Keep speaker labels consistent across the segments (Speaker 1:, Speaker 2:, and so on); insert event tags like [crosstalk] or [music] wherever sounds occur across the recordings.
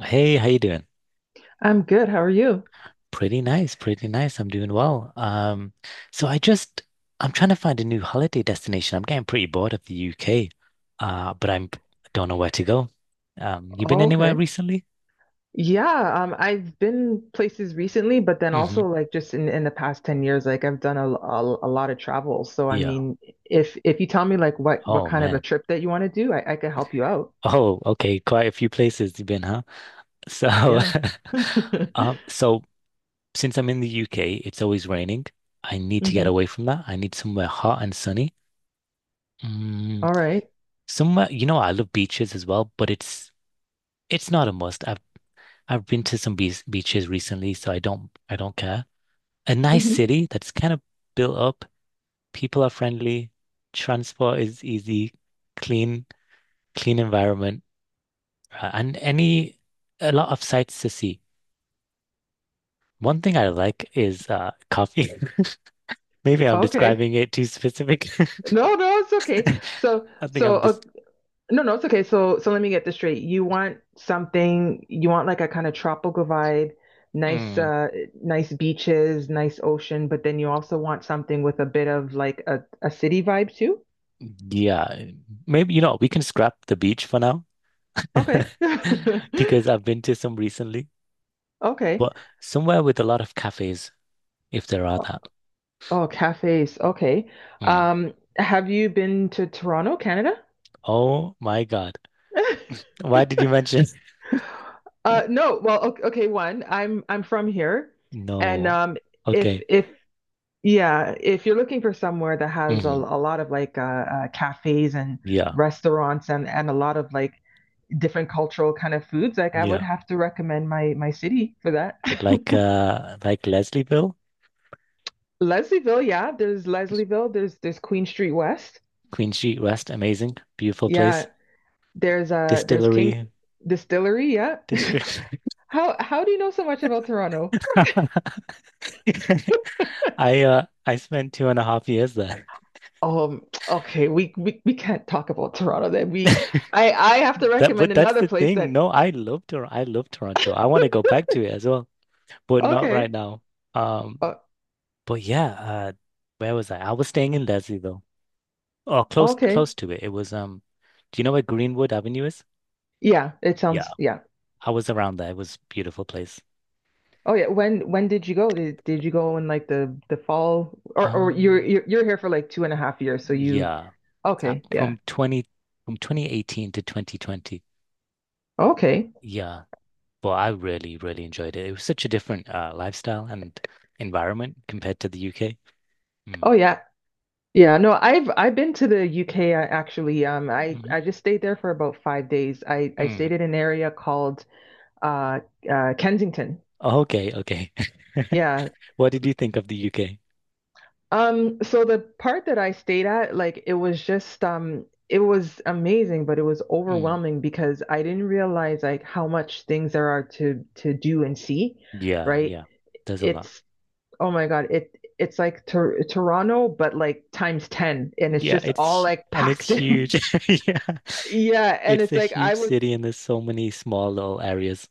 Speaker 1: Hey, how you doing?
Speaker 2: I'm good. How are you?
Speaker 1: Pretty nice, pretty nice. I'm doing well. So I just I'm trying to find a new holiday destination. I'm getting pretty bored of the UK, but I'm don't know where to go. You been
Speaker 2: Oh,
Speaker 1: anywhere
Speaker 2: okay.
Speaker 1: recently?
Speaker 2: Yeah, I've been places recently, but then
Speaker 1: hmm
Speaker 2: also like just in the past 10 years, like I've done a lot of travel. So I
Speaker 1: Yeah.
Speaker 2: mean, if you tell me like what
Speaker 1: Oh
Speaker 2: kind of a
Speaker 1: man.
Speaker 2: trip that you want to do, I could help you out.
Speaker 1: Oh, okay. Quite a few places you've been, huh? So,
Speaker 2: Yeah.
Speaker 1: [laughs]
Speaker 2: [laughs]
Speaker 1: um, so since I'm in the UK, it's always raining. I need to get
Speaker 2: Mm-hmm.
Speaker 1: away from that. I need somewhere hot and sunny. Mm,
Speaker 2: All right.
Speaker 1: Somewhere, I love beaches as well, but it's not a must. I've been to some beaches recently, so I don't care. A nice
Speaker 2: Mm-hmm.
Speaker 1: city that's kind of built up. People are friendly. Transport is easy. Clean, clean environment, and any a lot of sights to see. One thing I like is coffee. [laughs] Maybe I'm
Speaker 2: Okay.
Speaker 1: describing it too specific.
Speaker 2: No, no, it's okay.
Speaker 1: [laughs]
Speaker 2: So
Speaker 1: I think I'm
Speaker 2: so
Speaker 1: just
Speaker 2: No, no, it's okay. So, let me get this straight. You want something, you want like a kind of tropical vibe, nice,
Speaker 1: mm,
Speaker 2: nice beaches, nice ocean, but then you also want something with a bit of like a city vibe too?
Speaker 1: Yeah. Maybe we can scrap the beach for now [laughs]
Speaker 2: Okay.
Speaker 1: because
Speaker 2: [laughs]
Speaker 1: I've been to some recently.
Speaker 2: Okay.
Speaker 1: But somewhere with a lot of cafes, if there are
Speaker 2: Oh,
Speaker 1: that.
Speaker 2: oh, cafes. Okay.
Speaker 1: Mm.
Speaker 2: Have you been to Toronto, Canada?
Speaker 1: Oh my God.
Speaker 2: [laughs]
Speaker 1: Why did you mention? [laughs]
Speaker 2: No. Well, okay, okay. One, I'm from here, and
Speaker 1: No. Okay.
Speaker 2: if yeah, if you're looking for somewhere that has
Speaker 1: hmm
Speaker 2: a lot of like cafes and
Speaker 1: Yeah.
Speaker 2: restaurants and a lot of like different cultural kind of foods, like I would
Speaker 1: Yeah.
Speaker 2: have to recommend my city for that. [laughs]
Speaker 1: Like Leslieville,
Speaker 2: Leslieville, yeah, there's Leslieville, there's Queen Street West.
Speaker 1: Queen Street West, amazing, beautiful
Speaker 2: Yeah,
Speaker 1: place.
Speaker 2: there's King
Speaker 1: Distillery
Speaker 2: Distillery, yeah.
Speaker 1: district.
Speaker 2: [laughs] How do you know so much about Toronto?
Speaker 1: [laughs] I spent 2.5 years there.
Speaker 2: Okay, we can't talk about Toronto then. We
Speaker 1: [laughs]
Speaker 2: I have to
Speaker 1: That
Speaker 2: recommend
Speaker 1: but that's
Speaker 2: another
Speaker 1: the
Speaker 2: place
Speaker 1: thing.
Speaker 2: that
Speaker 1: No, I love Tor. I love Toronto. I want to go back to it as well, but not right
Speaker 2: okay.
Speaker 1: now. Um
Speaker 2: Uh,
Speaker 1: But yeah, uh, where was I? I was staying in Leslie though, or close
Speaker 2: okay.
Speaker 1: close to it. It was do you know where Greenwood Avenue is?
Speaker 2: Yeah, it
Speaker 1: Yeah,
Speaker 2: sounds yeah.
Speaker 1: I was around there. It was a beautiful place.
Speaker 2: Oh yeah, when did you go? Did you go in like the fall, or you're
Speaker 1: Um,
Speaker 2: you're you're here for like 2.5 years, so you
Speaker 1: yeah, uh,
Speaker 2: okay, yeah.
Speaker 1: from 20 from 2018 to 2020.
Speaker 2: Okay.
Speaker 1: Yeah, well, I really enjoyed it. It was such a different lifestyle and environment compared to the UK. Mm.
Speaker 2: Oh yeah. Yeah, no, I've been to the UK actually. Um, I
Speaker 1: hmm
Speaker 2: I just stayed there for about 5 days. I
Speaker 1: Mm.
Speaker 2: stayed in an area called uh Kensington.
Speaker 1: Okay, okay. [laughs]
Speaker 2: Yeah.
Speaker 1: What did you think of the UK?
Speaker 2: So the part that I stayed at, like it was just it was amazing, but it was
Speaker 1: Mm.
Speaker 2: overwhelming because I didn't realize like how much things there are to do and see,
Speaker 1: Yeah,
Speaker 2: right?
Speaker 1: yeah. There's a lot.
Speaker 2: It's oh my God, it's like Tor Toronto, but like times 10, and it's
Speaker 1: Yeah,
Speaker 2: just all
Speaker 1: it's
Speaker 2: like
Speaker 1: and it's
Speaker 2: packed in.
Speaker 1: huge.
Speaker 2: [laughs]
Speaker 1: [laughs] Yeah.
Speaker 2: Yeah, and
Speaker 1: It's
Speaker 2: it's
Speaker 1: a
Speaker 2: like
Speaker 1: huge
Speaker 2: I was
Speaker 1: city and there's so many small little areas.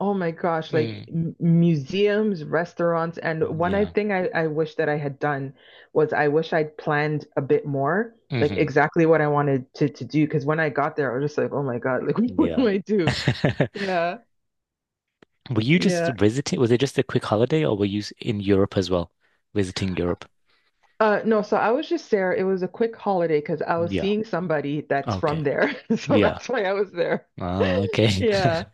Speaker 2: oh my gosh,
Speaker 1: Mm.
Speaker 2: like m museums, restaurants, and one I
Speaker 1: Yeah.
Speaker 2: thing I wish that I had done was I wish I'd planned a bit more, like
Speaker 1: hmm
Speaker 2: exactly what I wanted to do. Because when I got there, I was just like, oh my God, like [laughs] what
Speaker 1: Yeah.
Speaker 2: do I do?
Speaker 1: [laughs]
Speaker 2: Yeah,
Speaker 1: Were you just
Speaker 2: yeah.
Speaker 1: visiting? Was it just a quick holiday or were you in Europe as well? Visiting Europe?
Speaker 2: No, so I was just there. It was a quick holiday because I was
Speaker 1: Yeah.
Speaker 2: seeing somebody that's
Speaker 1: Okay.
Speaker 2: from there, [laughs] so
Speaker 1: Yeah.
Speaker 2: that's why I was there. [laughs]
Speaker 1: Ah, okay.
Speaker 2: Yeah,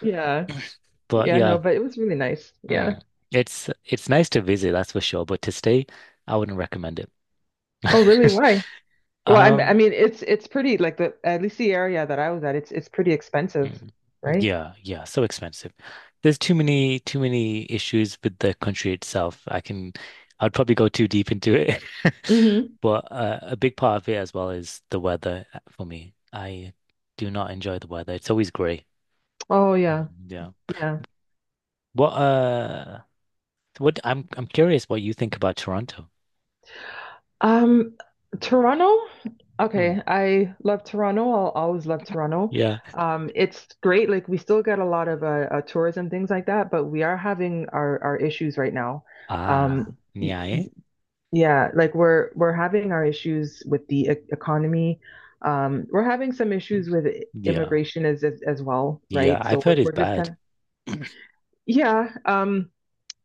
Speaker 2: yeah,
Speaker 1: [laughs] But
Speaker 2: yeah. No,
Speaker 1: yeah,
Speaker 2: but it was really nice. Yeah.
Speaker 1: mm, it's nice to visit, that's for sure, but to stay, I wouldn't recommend it.
Speaker 2: Oh, really?
Speaker 1: [laughs]
Speaker 2: Why? Well, I m- I
Speaker 1: Um,
Speaker 2: mean, it's pretty like the at least the area that I was at, it's pretty expensive,
Speaker 1: Mm.
Speaker 2: right?
Speaker 1: Yeah, yeah, so expensive. There's too many issues with the country itself. I'd probably go too deep into it. [laughs]
Speaker 2: Mm-hmm.
Speaker 1: But a big part of it as well is the weather for me. I do not enjoy the weather. It's always gray.
Speaker 2: Oh yeah,
Speaker 1: Mm, Yeah.
Speaker 2: yeah.
Speaker 1: What uh what I'm curious what you think about Toronto.
Speaker 2: Um, Toronto.
Speaker 1: Mm,
Speaker 2: Okay, I love Toronto. I'll always love Toronto.
Speaker 1: Yeah.
Speaker 2: It's great. Like we still get a lot of tourism things like that, but we are having our issues right now. Um,
Speaker 1: Ah,
Speaker 2: y-
Speaker 1: yeah. eh?
Speaker 2: Yeah, like we're having our issues with the e economy. We're having some
Speaker 1: Mm,
Speaker 2: issues with
Speaker 1: Yeah.
Speaker 2: immigration as well,
Speaker 1: Yeah,
Speaker 2: right? So
Speaker 1: I've
Speaker 2: we're
Speaker 1: heard it's
Speaker 2: we're just kind
Speaker 1: bad.
Speaker 2: of yeah.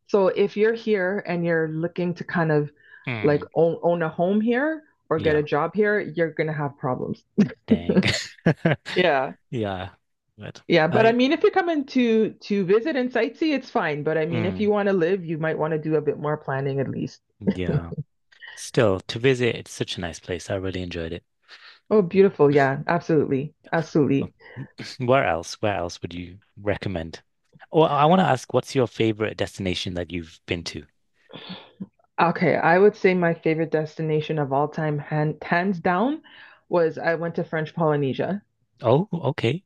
Speaker 2: So if you're here and you're looking to kind of like
Speaker 1: Mm.
Speaker 2: own a home here or get a
Speaker 1: Yeah.
Speaker 2: job here, you're gonna have problems.
Speaker 1: Dang. [laughs]
Speaker 2: Yeah.
Speaker 1: Yeah, but
Speaker 2: Yeah, but I
Speaker 1: I,
Speaker 2: mean, if you're coming to visit and sightsee, it's fine. But I mean, if
Speaker 1: mm,
Speaker 2: you want to live, you might want to do a bit more planning at least.
Speaker 1: yeah, still to visit, it's such a nice place. I really enjoyed it.
Speaker 2: Oh, beautiful. Yeah, absolutely.
Speaker 1: Oh,
Speaker 2: Absolutely.
Speaker 1: [laughs] [clears throat] Where else? Where else would you recommend? Or I want to ask, what's your favorite destination that you've been to?
Speaker 2: Okay, I would say my favorite destination of all time, hands down, was I went to French Polynesia.
Speaker 1: Oh, okay.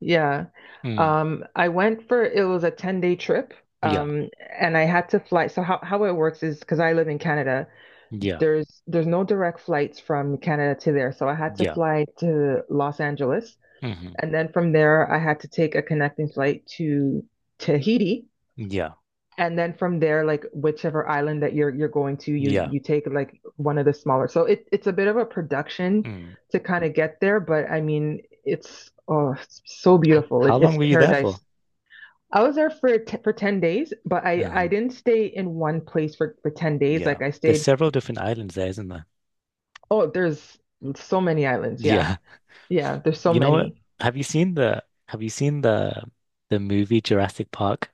Speaker 2: Yeah.
Speaker 1: Mm,
Speaker 2: I went for it was a 10-day trip.
Speaker 1: yeah,
Speaker 2: Um, and I had to fly. So how it works is because I live in Canada,
Speaker 1: yeah,
Speaker 2: there's no direct flights from Canada to there. So I had to
Speaker 1: yeah,
Speaker 2: fly to Los Angeles,
Speaker 1: hmm
Speaker 2: and then from there I had to take a connecting flight to Tahiti.
Speaker 1: yeah,
Speaker 2: And then from there, like whichever island that you're going to, you
Speaker 1: yeah.
Speaker 2: you take like one of the smaller. So it's a bit of a production
Speaker 1: Mm.
Speaker 2: to kind of get there, but I mean, it's oh, it's so
Speaker 1: How,
Speaker 2: beautiful.
Speaker 1: how long
Speaker 2: It's
Speaker 1: were you there for?
Speaker 2: paradise. I was there for t for 10 days, but I
Speaker 1: uh
Speaker 2: didn't stay in one place for 10 days.
Speaker 1: Yeah,
Speaker 2: Like I
Speaker 1: there's
Speaker 2: stayed,
Speaker 1: several different islands there, isn't there?
Speaker 2: oh, there's so many islands.
Speaker 1: [laughs]
Speaker 2: Yeah.
Speaker 1: Yeah.
Speaker 2: Yeah, there's so
Speaker 1: You know what?
Speaker 2: many.
Speaker 1: Have you seen the movie Jurassic Park?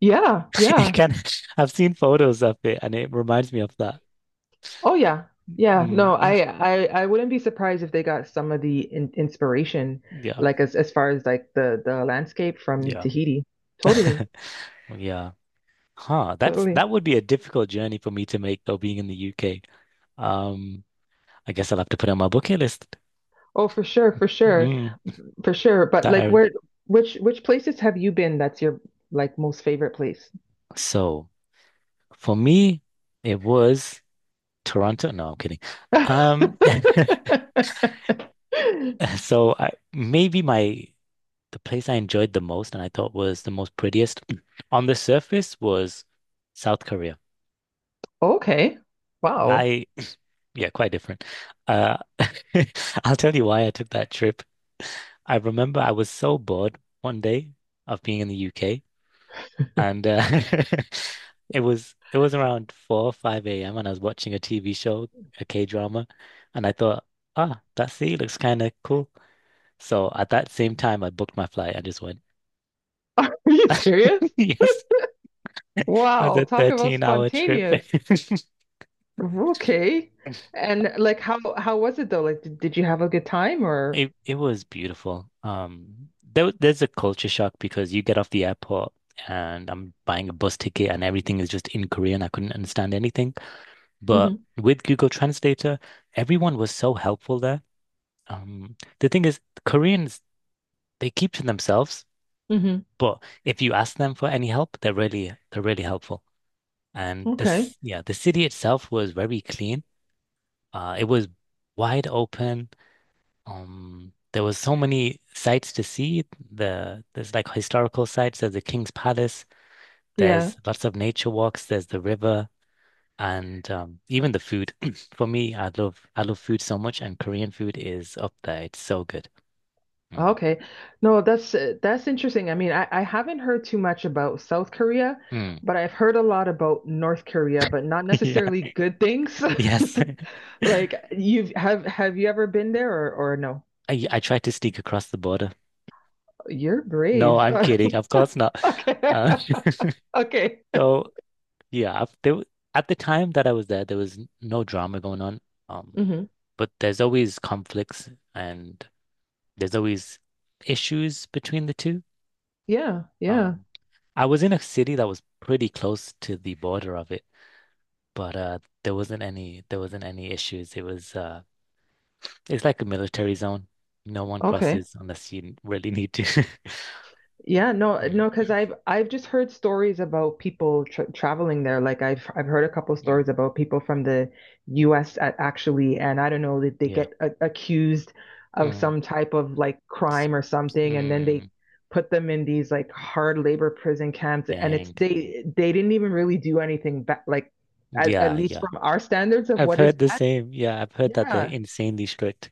Speaker 2: Yeah,
Speaker 1: It
Speaker 2: yeah.
Speaker 1: can, [laughs] I've seen photos of it and it reminds me of that.
Speaker 2: Oh yeah. Yeah. No,
Speaker 1: Mm,
Speaker 2: I wouldn't be surprised if they got some of the in inspiration
Speaker 1: yeah,
Speaker 2: like as far as like the landscape from
Speaker 1: yeah,
Speaker 2: Tahiti. Totally.
Speaker 1: [laughs] yeah. Huh. That's
Speaker 2: Totally.
Speaker 1: that would be a difficult journey for me to make though, being in the UK. Um, I guess I'll have to put it on my bucket list.
Speaker 2: Oh, for sure, for sure.
Speaker 1: Mm,
Speaker 2: For sure. But
Speaker 1: that
Speaker 2: like
Speaker 1: I-
Speaker 2: where which places have you been that's your like most favorite place? [laughs]
Speaker 1: so for me, it was Toronto. No, I'm kidding. Um, [laughs] so I maybe my The place I enjoyed the most and I thought was the most prettiest [clears throat] on the surface was South Korea.
Speaker 2: Okay. Wow.
Speaker 1: I, [laughs] yeah, quite different. Uh, [laughs] I'll tell you why I took that trip. I remember I was so bored one day of being in the UK, and [laughs] it was around 4 or 5 a.m. and I was watching a TV show, a K-drama, and I thought, ah, that sea looks kind of cool. So at that same time, I booked my flight I just went.
Speaker 2: [laughs] Are you serious?
Speaker 1: [laughs] Yes, it was
Speaker 2: Wow,
Speaker 1: a
Speaker 2: talk about
Speaker 1: 13-hour trip.
Speaker 2: spontaneous.
Speaker 1: [laughs]
Speaker 2: Okay. And like how was it though? Like did you have a good time or?
Speaker 1: It was beautiful. There's a culture shock because you get off the airport and I'm buying a bus ticket and everything is just in Korean. I couldn't understand anything. But with Google Translator, everyone was so helpful there. The thing is, Koreans they keep to themselves,
Speaker 2: Hmm.
Speaker 1: but if you ask them for any help, they're really helpful. And
Speaker 2: Okay.
Speaker 1: yeah, the city itself was very clean. It was wide open. There was so many sites to see. There's like historical sites. There's the King's Palace.
Speaker 2: Yeah.
Speaker 1: There's lots of nature walks. There's the river, and even the food. [clears throat] For me, I love food so much, and Korean food is up there. It's so good. Mm.
Speaker 2: Okay. No, that's interesting. I mean, I haven't heard too much about South Korea,
Speaker 1: Mm.
Speaker 2: but I've heard a lot about North Korea, but not
Speaker 1: [laughs] Yeah.
Speaker 2: necessarily good things.
Speaker 1: Yes.
Speaker 2: [laughs]
Speaker 1: [laughs] I
Speaker 2: Like you've have you ever been there or no?
Speaker 1: I tried to sneak across the border.
Speaker 2: You're
Speaker 1: No,
Speaker 2: brave.
Speaker 1: I'm
Speaker 2: [laughs]
Speaker 1: kidding. Of course not.
Speaker 2: Okay.
Speaker 1: Uh,
Speaker 2: [laughs] Okay.
Speaker 1: [laughs] so Yeah, at the time that I was there, there was no drama going on. Um,
Speaker 2: Hmm.
Speaker 1: but there's always conflicts and there's always issues between the two.
Speaker 2: Yeah. Yeah.
Speaker 1: Um, I was in a city that was pretty close to the border of it, but there wasn't any issues. It was it's like a military zone. No one
Speaker 2: Okay.
Speaker 1: crosses unless you really need to. [laughs]
Speaker 2: Yeah, no,
Speaker 1: Mm,
Speaker 2: no, because I've just heard stories about people traveling there. Like I've heard a couple
Speaker 1: mm,
Speaker 2: stories about people from the U.S. at actually, and I don't know that they
Speaker 1: yeah.
Speaker 2: get a accused of
Speaker 1: Mm,
Speaker 2: some type of like
Speaker 1: s-
Speaker 2: crime or
Speaker 1: s-
Speaker 2: something, and then they
Speaker 1: mm,
Speaker 2: put them in these like hard labor prison camps, and it's
Speaker 1: Dang.
Speaker 2: they didn't even really do anything bad, like at
Speaker 1: Yeah,
Speaker 2: least
Speaker 1: yeah.
Speaker 2: from our standards of
Speaker 1: I've
Speaker 2: what is
Speaker 1: heard the
Speaker 2: bad.
Speaker 1: same. Yeah, I've heard that they're
Speaker 2: Yeah.
Speaker 1: insanely strict.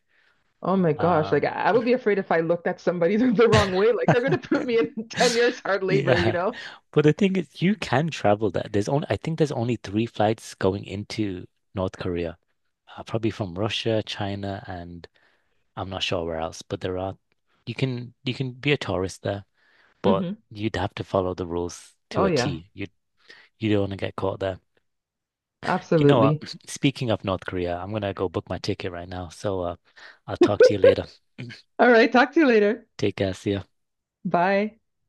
Speaker 2: Oh my gosh, like I
Speaker 1: Um,
Speaker 2: I would be afraid if I looked at somebody [laughs] the wrong way, like they're gonna
Speaker 1: [laughs]
Speaker 2: put me in [laughs] 10 years hard labor, you
Speaker 1: yeah.
Speaker 2: know?
Speaker 1: But the thing is, you can travel there. There's only, I think there's only three flights going into North Korea, probably from Russia, China, and I'm not sure where else, but there are, you can be a tourist there, but
Speaker 2: Hmm.
Speaker 1: you'd have to follow the rules to
Speaker 2: Oh,
Speaker 1: a
Speaker 2: yeah,
Speaker 1: T. You don't want to get caught there. You know what?
Speaker 2: absolutely.
Speaker 1: [clears throat] Speaking of North Korea, I'm gonna go book my ticket right now. So, I'll talk to you later.
Speaker 2: All right, talk to you later.
Speaker 1: [clears throat] Take care. See ya.
Speaker 2: Bye.